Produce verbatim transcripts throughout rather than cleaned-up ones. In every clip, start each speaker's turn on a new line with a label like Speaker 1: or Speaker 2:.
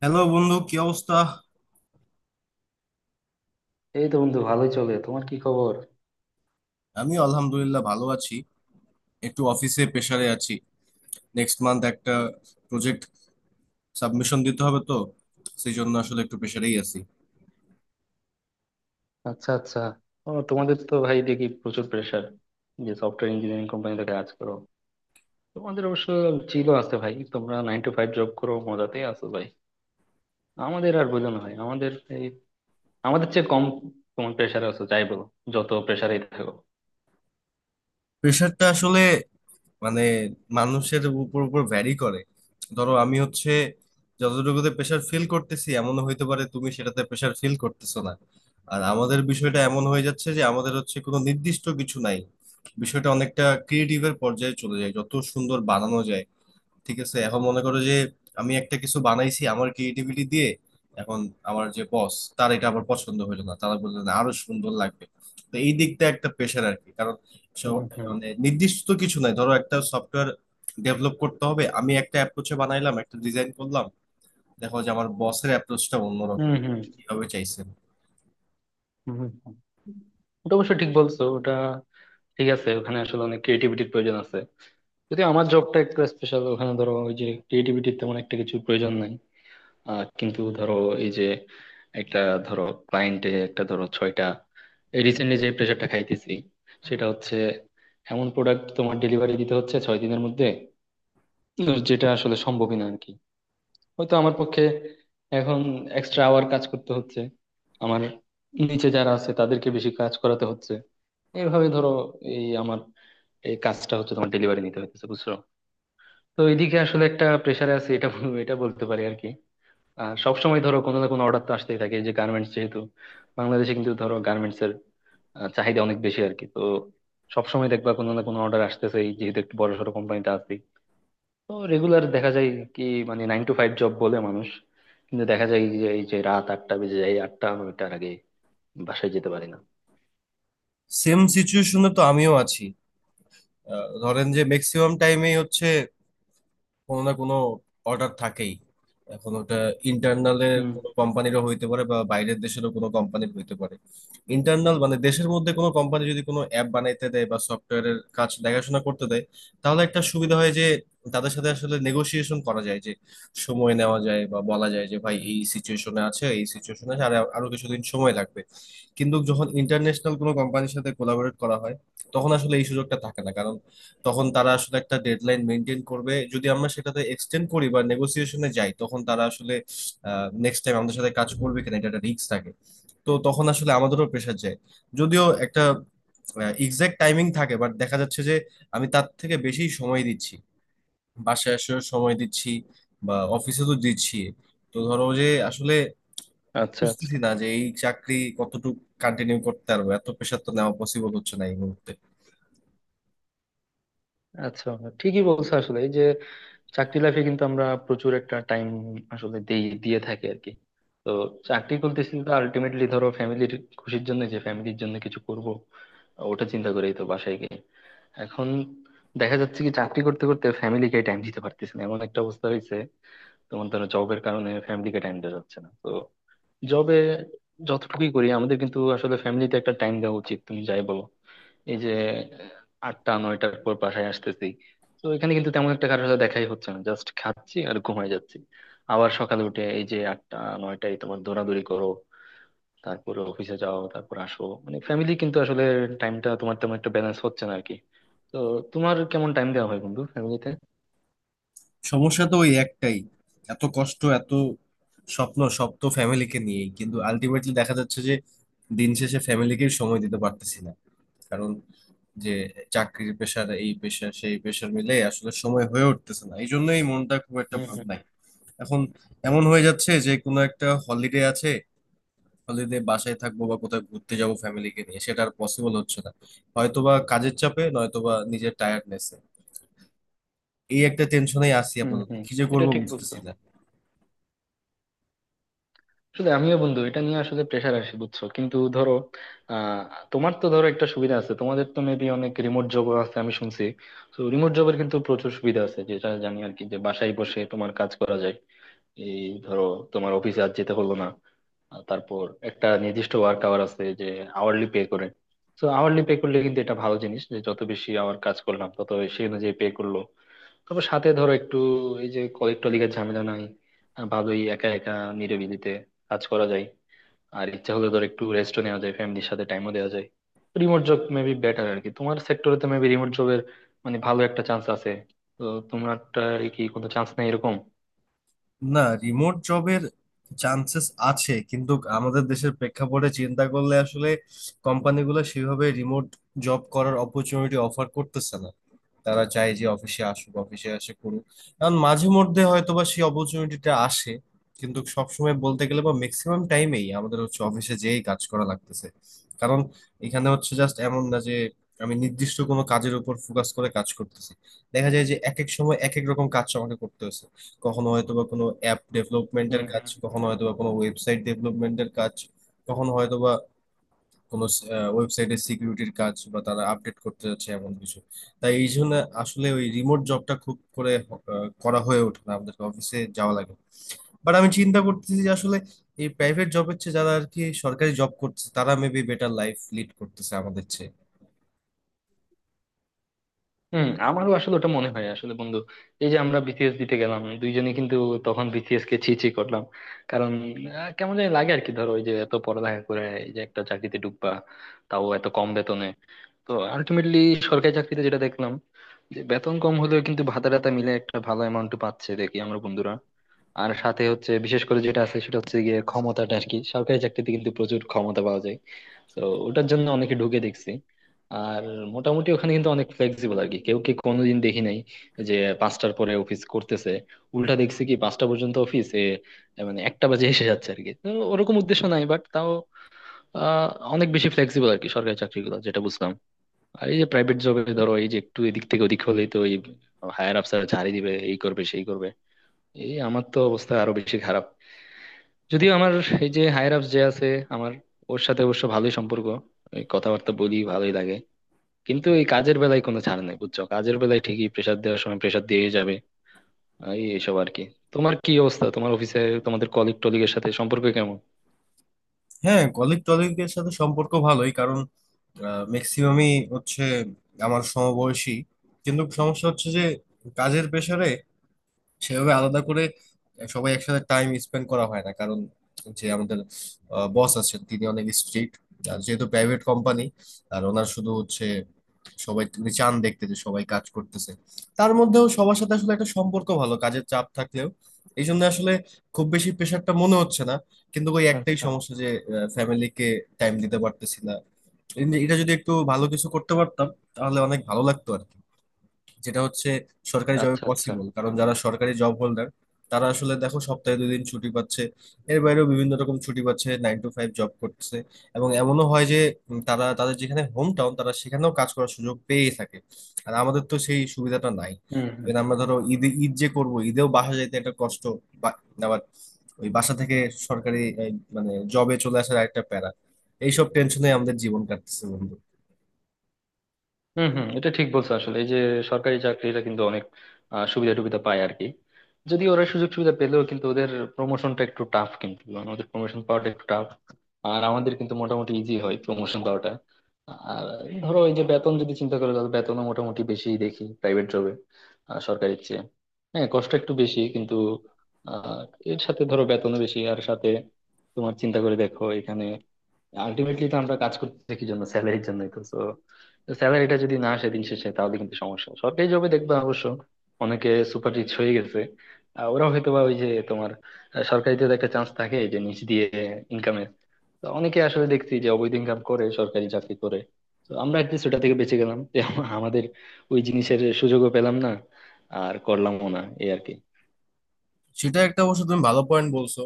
Speaker 1: Hello বন্ধু, কি অবস্থা?
Speaker 2: এই তো বন্ধু, ভালোই চলে। তোমার কি খবর?
Speaker 1: আমি আলহামদুলিল্লাহ ভালো আছি। একটু অফিসে প্রেসারে আছি। নেক্সট মান্থ একটা প্রজেক্ট সাবমিশন দিতে হবে, তো সেই জন্য আসলে একটু প্রেসারেই আছি।
Speaker 2: আচ্ছা আচ্ছা। ও তোমাদের তো ভাই দেখি প্রচুর প্রেসার, যে সফটওয়্যার ইঞ্জিনিয়ারিং কোম্পানিতে কাজ করো। তোমাদের অবশ্য চিলও আছে ভাই, তোমরা নাইন টু ফাইভ জব করো, মজাতেই আছো ভাই। আমাদের আর বলো না ভাই, আমাদের এই আমাদের চেয়ে কম তোমার প্রেসার আছো যাই বলো, যত প্রেসারেই থাকো।
Speaker 1: প্রেসারটা আসলে মানে মানুষের উপর উপর ভ্যারি করে। ধরো আমি হচ্ছে যতটুকুতে প্রেসার ফিল করতেছি, এমন হইতে পারে তুমি সেটাতে প্রেসার ফিল করতেছো না। আর আমাদের বিষয়টা এমন হয়ে যাচ্ছে যে আমাদের হচ্ছে কোনো নির্দিষ্ট কিছু নাই। বিষয়টা অনেকটা ক্রিয়েটিভের পর্যায়ে চলে যায়, যত সুন্দর বানানো যায়। ঠিক আছে, এখন মনে করো যে আমি একটা কিছু বানাইছি আমার ক্রিয়েটিভিটি দিয়ে। এখন আমার যে বস, তার এটা আবার পছন্দ হইলো না, তারা বললেন আরো সুন্দর লাগবে। তো এই দিকটা একটা প্রেশার আর কি। কারণ
Speaker 2: হুম
Speaker 1: সব-
Speaker 2: হুম।
Speaker 1: মানে নির্দিষ্ট তো কিছু নাই। ধরো একটা সফটওয়্যার ডেভেলপ করতে হবে, আমি একটা অ্যাপ্রোচে বানাইলাম, একটা ডিজাইন করলাম। দেখো যে আমার বসের অ্যাপ্রোচটা
Speaker 2: হুম
Speaker 1: অন্যরকম,
Speaker 2: হুম।
Speaker 1: এভাবে চাইছেন।
Speaker 2: হুম হুম, হুম। ওটা অবশ্য ঠিক বলছো। ওটা ঠিক আছে, ওখানে আসলে অনেক ক্রিয়েটিভিটির প্রয়োজন আছে। যদি আমার জবটা একটু স্পেশাল, ওখানে ধরো ওই যে ক্রিয়েটিভিটির তেমন একটা কিছু প্রয়োজন নাই। আহ কিন্তু ধরো, এই যে একটা ধরো ক্লায়েন্টে একটা ধরো ছয়টা, রিসেন্টলি যে প্রেশারটা খাইতেছি সেটা হচ্ছে এমন প্রোডাক্ট তোমার ডেলিভারি দিতে হচ্ছে ছয় দিনের মধ্যে। তো যেটা আসলে সম্ভবই না আর কি, হয়তো আমার পক্ষে। এখন এক্সট্রা আওয়ার কাজ করতে হচ্ছে। আমার নিচে যারা আছে তাদেরকে বেশি কাজ করাতে হচ্ছে। এইভাবে ধরো এই আমার এই কাজটা হচ্ছে তোমার ডেলিভারি নিতে হইতেছে, বুঝছো? তো এইদিকে আসলে একটা প্রেশারে আছে, এটা বল- এটা বলতে পারি আর কি। আর সবসময় ধরো কোনো না কোনো অর্ডার তো আসতেই থাকে, এই যে গার্মেন্টস যেহেতু, বাংলাদেশে কিন্তু ধরো গার্মেন্টস এর আহ, চাহিদা অনেক বেশি আর কি। তো সবসময় দেখবা কোনো না কোনো অর্ডার আসতেছে, এই যেহেতু একটু বড় সড়ো কোম্পানিতে আছি। তো রেগুলার দেখা যায় কি, মানে নাইন টু ফাইভ জব বলে মানুষ, কিন্তু দেখা যায় যে এই যে রাত আটটা বেজে যায়, আটটা নয়টার আগে বাসায় যেতে পারি না।
Speaker 1: সেম সিচুয়েশনে তো আমিও আছি। আহ, ধরেন যে ম্যাক্সিমাম টাইমেই হচ্ছে কোনো না কোনো অর্ডার থাকেই। এখন ওটা ইন্টারনালের
Speaker 2: হুম
Speaker 1: কোনো কোম্পানিরও হইতে পারে বা বাইরের দেশেরও কোনো কোম্পানির হইতে পারে। ইন্টারনাল মানে দেশের মধ্যে কোনো কোম্পানি যদি কোনো অ্যাপ বানাইতে দেয় বা সফটওয়্যারের কাজ দেখাশোনা করতে দেয়, তাহলে একটা সুবিধা হয় যে তাদের সাথে আসলে নেগোসিয়েশন করা যায়, যে সময় নেওয়া যায় বা বলা যায় যে ভাই
Speaker 2: হুম।
Speaker 1: এই সিচুয়েশনে আছে এই সিচুয়েশনে আছে আর আরো কিছুদিন সময় লাগবে। কিন্তু যখন ইন্টারন্যাশনাল কোনো কোম্পানির সাথে কোলাবোরেট করা হয়, তখন আসলে এই সুযোগটা থাকে না। কারণ তখন তারা আসলে একটা ডেডলাইন মেনটেন করবে, যদি আমরা সেটাতে এক্সটেন্ড করি বা নেগোসিয়েশনে যাই তখন তারা আসলে নেক্সট টাইম আমাদের সাথে কাজ করবে কিনা এটা একটা রিস্ক থাকে। তো তখন আসলে আমাদেরও প্রেশার যায়। যদিও একটা এক্সাক্ট টাইমিং থাকে, বাট দেখা যাচ্ছে যে আমি তার থেকে বেশি সময় দিচ্ছি, বাসায় আসার সময় দিচ্ছি, বা অফিসে তো দিচ্ছি। তো ধরো যে আসলে
Speaker 2: আচ্ছা
Speaker 1: বুঝতেছি
Speaker 2: আচ্ছা।
Speaker 1: না যে এই চাকরি কতটুকু কন্টিনিউ করতে পারবো, এত প্রেশার তো নেওয়া পসিবল হচ্ছে না এই মুহূর্তে।
Speaker 2: আচ্ছা, ঠিকই বলছো। আসলে এই যে চাকরি লাইফে কিন্তু আমরা প্রচুর একটা টাইম আসলে দেই, দিয়ে থাকি আর কি। তো চাকরি করতেছি তো আলটিমেটলি ধরো ফ্যামিলির খুশির জন্য, যে ফ্যামিলির জন্য কিছু করব, ওটা চিন্তা করেই তো বাসায় গিয়ে এখন দেখা যাচ্ছে কি চাকরি করতে করতে ফ্যামিলিকে টাইম দিতে পারতেছি না, এমন একটা অবস্থা হয়েছে। তোমার ধরো জবের কারণে ফ্যামিলিকে টাইম দেওয়া যাচ্ছে না। তো জবে যতটুকুই করি আমাদের কিন্তু আসলে ফ্যামিলিতে একটা টাইম দেওয়া উচিত, তুমি যাই বলো। এই যে আটটা নয়টার পর বাসায় আসতেছি, তো এখানে কিন্তু তেমন একটা কারোর সাথে দেখাই হচ্ছে না, জাস্ট খাচ্ছি আর ঘুমাই যাচ্ছি। আবার সকালে উঠে এই যে আটটা নয়টায় তোমার দৌড়াদৌড়ি করো, তারপরে অফিসে যাও, তারপর আসো। মানে ফ্যামিলি কিন্তু আসলে টাইমটা তোমার তেমন একটা ব্যালেন্স হচ্ছে না আর কি। তো তোমার কেমন টাইম দেওয়া হয় বন্ধু ফ্যামিলিতে?
Speaker 1: সমস্যা তো ওই একটাই, এত কষ্ট, এত স্বপ্ন সব তো ফ্যামিলিকে নিয়েই, কিন্তু আলটিমেটলি দেখা যাচ্ছে যে দিন শেষে ফ্যামিলিকে সময় দিতে পারতেছি না। কারণ যে চাকরির পেশার, এই পেশা সেই পেশার মিলে আসলে সময় হয়ে উঠতেছে না, এই জন্যই মনটা খুব একটা
Speaker 2: হুম
Speaker 1: ভালো
Speaker 2: হুম।
Speaker 1: নাই। এখন এমন হয়ে যাচ্ছে যে কোনো একটা হলিডে আছে, হলিডে বাসায় থাকবো বা কোথাও ঘুরতে যাবো ফ্যামিলিকে নিয়ে, সেটা আর পসিবল হচ্ছে না। হয়তোবা কাজের চাপে, নয়তোবা নিজের টায়ার্ডনেসে। এই একটা টেনশনেই আছি,
Speaker 2: হুম
Speaker 1: আপাতত
Speaker 2: হুম।
Speaker 1: কি যে
Speaker 2: এটা
Speaker 1: করবো
Speaker 2: ঠিক বলছো।
Speaker 1: বুঝতেছি না।
Speaker 2: আসলে আমিও বন্ধু এটা নিয়ে আসলে প্রেশার আসে, বুঝছো? কিন্তু ধরো, আহ তোমার তো ধরো একটা সুবিধা আছে, তোমাদের তো মেবি অনেক রিমোট জব আছে আমি শুনছি। তো রিমোট জবের কিন্তু প্রচুর সুবিধা আছে যেটা জানি আর কি, যে বাসায় বসে তোমার কাজ করা যায়। এই ধরো তোমার অফিসে আজ যেতে হলো না, আর তারপর একটা নির্দিষ্ট ওয়ার্ক আওয়ার আছে, যে আওয়ারলি পে করে। তো আওয়ারলি পে করলে কিন্তু এটা ভালো জিনিস, যে যত বেশি আওয়ার কাজ করলাম তত সেই অনুযায়ী পে করলো। তবে সাথে ধরো একটু এই যে কলিগ টলিগের ঝামেলা নাই, আহ, ভালোই একা একা নিরিবিলিতে কাজ করা যায়। আর ইচ্ছা হলে ধর একটু রেস্টও নেওয়া যায়, ফ্যামিলির সাথে টাইমও দেওয়া যায়। রিমোট জব মেবি বেটার আর কি, তোমার সেক্টরে তো মেবি রিমোট জবের মানে ভালো একটা চান্স আছে। তো তোমারটা কি কোনো চান্স নেই এরকম?
Speaker 1: না, রিমোট জবের চান্সেস আছে, কিন্তু আমাদের দেশের প্রেক্ষাপটে চিন্তা করলে আসলে কোম্পানিগুলো সেভাবে রিমোট জব করার অপরচুনিটি অফার করতেছে না। তারা চায় যে অফিসে আসুক, অফিসে আসে করুক। কারণ মাঝে মধ্যে হয়তোবা সেই অপরচুনিটিটা আসে, কিন্তু সবসময় বলতে গেলে বা ম্যাক্সিমাম টাইমেই আমাদের হচ্ছে অফিসে যেই কাজ করা লাগতেছে। কারণ এখানে হচ্ছে জাস্ট এমন না যে আমি নির্দিষ্ট কোনো কাজের উপর ফোকাস করে কাজ করতেছি। দেখা যায় যে এক এক সময় এক এক রকম কাজ আমাকে করতে হচ্ছে। কখনো হয়তোবা কোনো অ্যাপ
Speaker 2: হম
Speaker 1: ডেভেলপমেন্টের কাজ,
Speaker 2: হম।
Speaker 1: কখনো হয়তোবা কোনো ওয়েবসাইট ডেভেলপমেন্টের কাজ, কখনো হয়তোবা কোনো ওয়েবসাইটের সিকিউরিটির কাজ বা তারা আপডেট করতে যাচ্ছে এমন কিছু। তাই এই জন্য আসলে ওই রিমোট জবটা খুব করে আহ, করা হয়ে ওঠে না, আমাদেরকে অফিসে যাওয়া লাগে। বাট আমি চিন্তা করতেছি যে আসলে এই প্রাইভেট জবের চেয়ে যারা আর কি সরকারি জব করতেছে তারা মেবি বেটার লাইফ লিড করতেছে আমাদের চেয়ে।
Speaker 2: হম, আমারও আসলে ওটা মনে হয় আসলে বন্ধু। এই যে আমরা বিসিএস দিতে গেলাম দুইজনে, কিন্তু তখন বিসিএস কে ছি ছি করলাম। কারণ আহ, কেমন জানি লাগে আর কি। ধরো ওই যে এত পড়ালেখা করে এই যে একটা চাকরিতে ঢুকবা, তাও এত কম বেতনে। তো আলটিমেটলি সরকারি চাকরিতে যেটা দেখলাম, যে বেতন কম হলেও কিন্তু ভাতা টাতা মিলে একটা ভালো অ্যামাউন্ট পাচ্ছে দেখি আমরা বন্ধুরা। আর সাথে হচ্ছে, বিশেষ করে যেটা আছে সেটা হচ্ছে গিয়ে ক্ষমতাটা আর কি, সরকারি চাকরিতে কিন্তু প্রচুর ক্ষমতা পাওয়া যায়। তো ওটার জন্য অনেকে ঢুকে দেখছি। আর মোটামুটি ওখানে কিন্তু অনেক ফ্লেক্সিবল আর কি, কেউ কি কোনোদিন দেখি নাই যে পাঁচটার পরে অফিস করতেছে। উল্টা দেখছি কি পাঁচটা পর্যন্ত অফিসে মানে একটা বাজে এসে যাচ্ছে আর কি। তো ওরকম উদ্দেশ্য নাই, বাট তাও আহ অনেক বেশি ফ্লেক্সিবল আর কি সরকারি চাকরিগুলো, যেটা বুঝলাম। আর এই যে প্রাইভেট জবে ধরো এই যে একটু এদিক থেকে ওদিক হলেই তো এই হায়ার অফিসার ঝাড়ি দিবে, এই করবে সেই করবে। এই আমার তো অবস্থা আরো বেশি খারাপ। যদিও আমার এই যে হায়ার অফিস যে আছে, আমার ওর সাথে অবশ্য ভালোই সম্পর্ক, এই কথাবার্তা বলি ভালোই লাগে। কিন্তু এই কাজের বেলায় কোনো ছাড় নেই, বুঝছো? কাজের বেলায় ঠিকই প্রেসার দেওয়ার সময় প্রেসার দিয়ে যাবে। এই এইসব আর কি। তোমার কি অবস্থা তোমার অফিসে? তোমাদের কলিগ টলিগের সাথে সম্পর্ক কেমন?
Speaker 1: হ্যাঁ, কলিগ টলিগের সাথে সম্পর্ক ভালোই। কারণ ম্যাক্সিমামই হচ্ছে আমার সমবয়সী। কিন্তু সমস্যা হচ্ছে যে কাজের প্রেসারে সেভাবে আলাদা করে সবাই একসাথে টাইম স্পেন্ড করা হয় না। কারণ যে আমাদের বস আছেন তিনি অনেক স্ট্রিক্ট, আর যেহেতু প্রাইভেট কোম্পানি, আর ওনার শুধু হচ্ছে সবাই, তিনি চান দেখতে যে সবাই কাজ করতেছে। তার মধ্যেও সবার সাথে আসলে একটা সম্পর্ক ভালো, কাজের চাপ থাকলেও। এই জন্য আসলে খুব বেশি প্রেশারটা মনে হচ্ছে না। কিন্তু ওই একটাই
Speaker 2: আচ্ছা
Speaker 1: সমস্যা যে ফ্যামিলিকে টাইম দিতে পারতেছি না। এটা যদি একটু ভালো কিছু করতে পারতাম, তাহলে অনেক ভালো লাগতো আর কি। যেটা হচ্ছে সরকারি জবে
Speaker 2: আচ্ছা। আচ্ছা।
Speaker 1: পসিবল, কারণ যারা সরকারি জব হোল্ডার তারা আসলে দেখো সপ্তাহে দুই দিন ছুটি পাচ্ছে। এর বাইরেও বিভিন্ন রকম ছুটি পাচ্ছে, নাইন টু ফাইভ জব করছে। এবং এমনও হয় যে উম, তারা তাদের যেখানে হোম টাউন তারা সেখানেও কাজ করার সুযোগ পেয়েই থাকে। আর আমাদের তো সেই সুবিধাটা নাই।
Speaker 2: হুম হুম।
Speaker 1: এবার আমরা ধরো ঈদ ঈদ যে করবো, ঈদেও বাসা যাইতে একটা কষ্ট, বা- আবার ওই বাসা থেকে সরকারি এই, মানে জবে চলে আসার একটা প্যারা। এইসব টেনশনে আমাদের জীবন কাটতেছে বন্ধু।
Speaker 2: হম হম। এটা ঠিক বলছো। আসলে এই যে সরকারি চাকরিরা কিন্তু অনেক আহ, সুবিধা টুবিধা পায় আর কি। যদি ওরা সুযোগ সুবিধা পেলেও কিন্তু ওদের প্রমোশনটা একটু টাফ, কিন্তু মানে ওদের প্রমোশন পাওয়াটা একটু টাফ। আর আমাদের কিন্তু মোটামুটি ইজি হয় প্রমোশন পাওয়াটা। আর ধরো এই যে বেতন যদি চিন্তা করো, তাহলে বেতনও মোটামুটি বেশি দেখি প্রাইভেট জবে সরকারির চেয়ে। হ্যাঁ, কষ্ট একটু বেশি কিন্তু আহ এর সাথে ধরো বেতনও বেশি আর সাথে তোমার চিন্তা করে দেখো এখানে আলটিমেটলি তো আমরা কাজ করতেছি কি জন্য? স্যালারির জন্যই তো। তো স্যালারিটা যদি না আসে দিন শেষে, তাহলে কিন্তু সমস্যা। সরকারি জবে দেখবা অবশ্য অনেকে সুপার রিচ হয়ে গেছে। আহ, ওরা হয়তো বা ওই যে তোমার, আহ, সরকারিতে তো একটা চান্স থাকে যে নিচ দিয়ে ইনকামের। তো অনেকে আসলে দেখছি যে অবৈধ ইনকাম করে সরকারি চাকরি করে। তো আমরা অ্যাটলিস্ট ওটা থেকে বেঁচে গেলাম যে আম- আমাদের ওই জিনিসের সুযোগও পেলাম না, আর করলামও না, এই আর কি।
Speaker 1: সেটা একটা অবশ্য তুমি ভালো পয়েন্ট বলছো।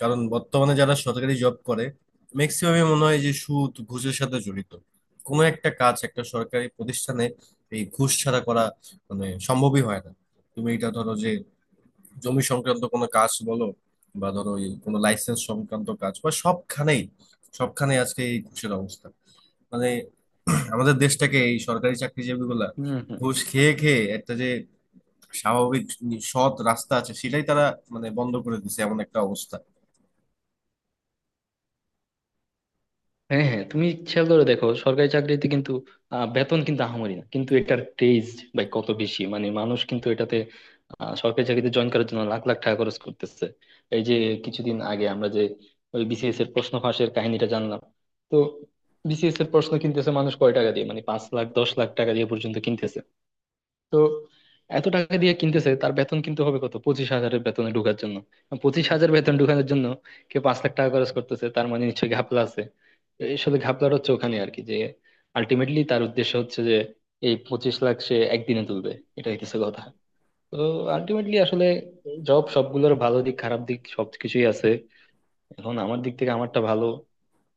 Speaker 1: কারণ বর্তমানে যারা সরকারি জব করে, ম্যাক্সিমামই মনে হয় যে সুদ ঘুষের সাথে জড়িত। কোনো একটা কাজ একটা সরকারি প্রতিষ্ঠানে এই ঘুষ ছাড়া করা মানে সম্ভবই হয় না। তুমি এটা ধরো যে জমি সংক্রান্ত কোনো কাজ বলো, বা ধরো এই কোনো লাইসেন্স সংক্রান্ত কাজ, বা সবখানেই, সবখানেই আজকে এই ঘুষের অবস্থা। মানে আমাদের দেশটাকে এই সরকারি চাকরিজীবীগুলা
Speaker 2: হম হম।
Speaker 1: ঘুষ খেয়ে খেয়ে একটা যে স্বাভাবিক সৎ রাস্তা আছে, সেটাই তারা মানে বন্ধ করে দিছে, এমন একটা অবস্থা।
Speaker 2: হ্যাঁ হ্যাঁ, তুমি খেয়াল করে দেখো সরকারি চাকরিতে কিন্তু আহ, বেতন কিন্তু আহামরি না, কিন্তু এটার ক্রেজ ভাই কত বেশি! মানে মানুষ কিন্তু এটাতে আহ, সরকারি চাকরিতে জয়েন করার জন্য লাখ লাখ টাকা খরচ করতেছে। এই যে কিছুদিন আগে আমরা যে ওই বিসিএস এর প্রশ্ন ফাঁসের কাহিনীটা জানলাম, তো বিসিএস এর প্রশ্ন কিনতেছে মানুষ কয় টাকা দিয়ে, মানে পাঁচ লাখ দশ লাখ টাকা দিয়ে পর্যন্ত কিনতেছে। তো এত টাকা দিয়ে কিনতেছে, তার বেতন কিন্তু হবে কত? পঁচিশ হাজারের বেতনে ঢোকার জন্য, পঁচিশ হাজার বেতন ঢোকানোর জন্য কেউ পাঁচ লাখ টাকা খরচ করতেছে, তার মানে নিশ্চয়ই ঘাপলা আছে। আসলে ঘাপলার হচ্ছে ওখানে আর কি, যে আলটিমেটলি তার উদ্দেশ্য হচ্ছে যে এই পঁচিশ লাখ সে একদিনে তুলবে, এটা হইতেছে কথা। তো আলটিমেটলি আসলে জব সবগুলোর ভালো দিক খারাপ দিক সবকিছুই আছে। এখন আমার দিক থেকে আমারটা ভালো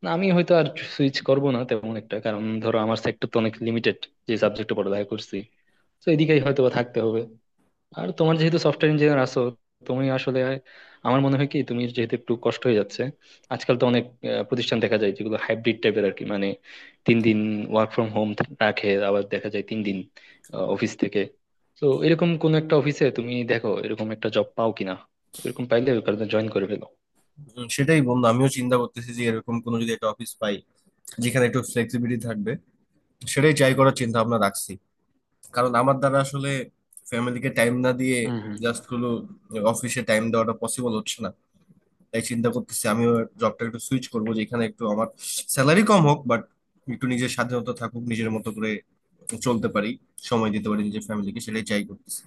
Speaker 2: না। আমি হয়তো আর সুইচ করব না তেমন একটা, কারণ ধরো আমার সেক্টর তো অনেক লিমিটেড, যে সাবজেক্টে পড়ালেখা করছি। তো এদিকেই হয়তো বা থাকতে হবে। আর তোমার যেহেতু সফটওয়্যার ইঞ্জিনিয়ার আছো, তুমি আসলে, আমার মনে হয় কি তুমি যেহেতু একটু কষ্ট হয়ে যাচ্ছে, আজকাল তো অনেক আহ, প্রতিষ্ঠান দেখা যায় যেগুলো হাইব্রিড টাইপের আর কি। মানে তিন দিন ওয়ার্ক ফ্রম হোম রাখে, আবার দেখা যায় তিন দিন অফিস থেকে। তো এরকম কোন একটা অফিসে তুমি দেখো এরকম একটা জব পাও কিনা, এরকম পাইলে ওখানে জয়েন করে ফেলো।
Speaker 1: উম, সেটাই বন্ধু, আমিও চিন্তা করতেছি যে এরকম কোনো যদি একটা অফিস পাই যেখানে একটু ফ্লেক্সিবিলিটি থাকবে, সেটাই ট্রাই করার চিন্তা ভাবনা রাখছি। কারণ আমার দ্বারা আসলে ফ্যামিলিকে টাইম না দিয়ে
Speaker 2: হুম হুম।
Speaker 1: জাস্ট হলো অফিসে টাইম দেওয়াটা পসিবল হচ্ছে না। তাই চিন্তা করতেছি আমিও জবটা একটু সুইচ করবো, যেখানে একটু আমার স্যালারি কম হোক, বাট একটু নিজের স্বাধীনতা থাকুক, নিজের মতো করে চলতে পারি, সময় দিতে পারি নিজের ফ্যামিলিকে। সেটাই ট্রাই করতেছি।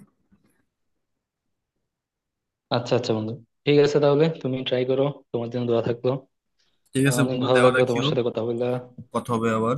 Speaker 2: আচ্ছা আচ্ছা বন্ধু, ঠিক আছে, তাহলে তুমি ট্রাই করো। তোমার জন্য দোয়া থাকলো।
Speaker 1: ঠিক
Speaker 2: আহ,
Speaker 1: আছে
Speaker 2: অনেক
Speaker 1: বন্ধু,
Speaker 2: ভালো
Speaker 1: দেওয়া
Speaker 2: লাগলো তোমার
Speaker 1: রাখিও।
Speaker 2: সাথে কথা বললা।
Speaker 1: কথা হবে আবার।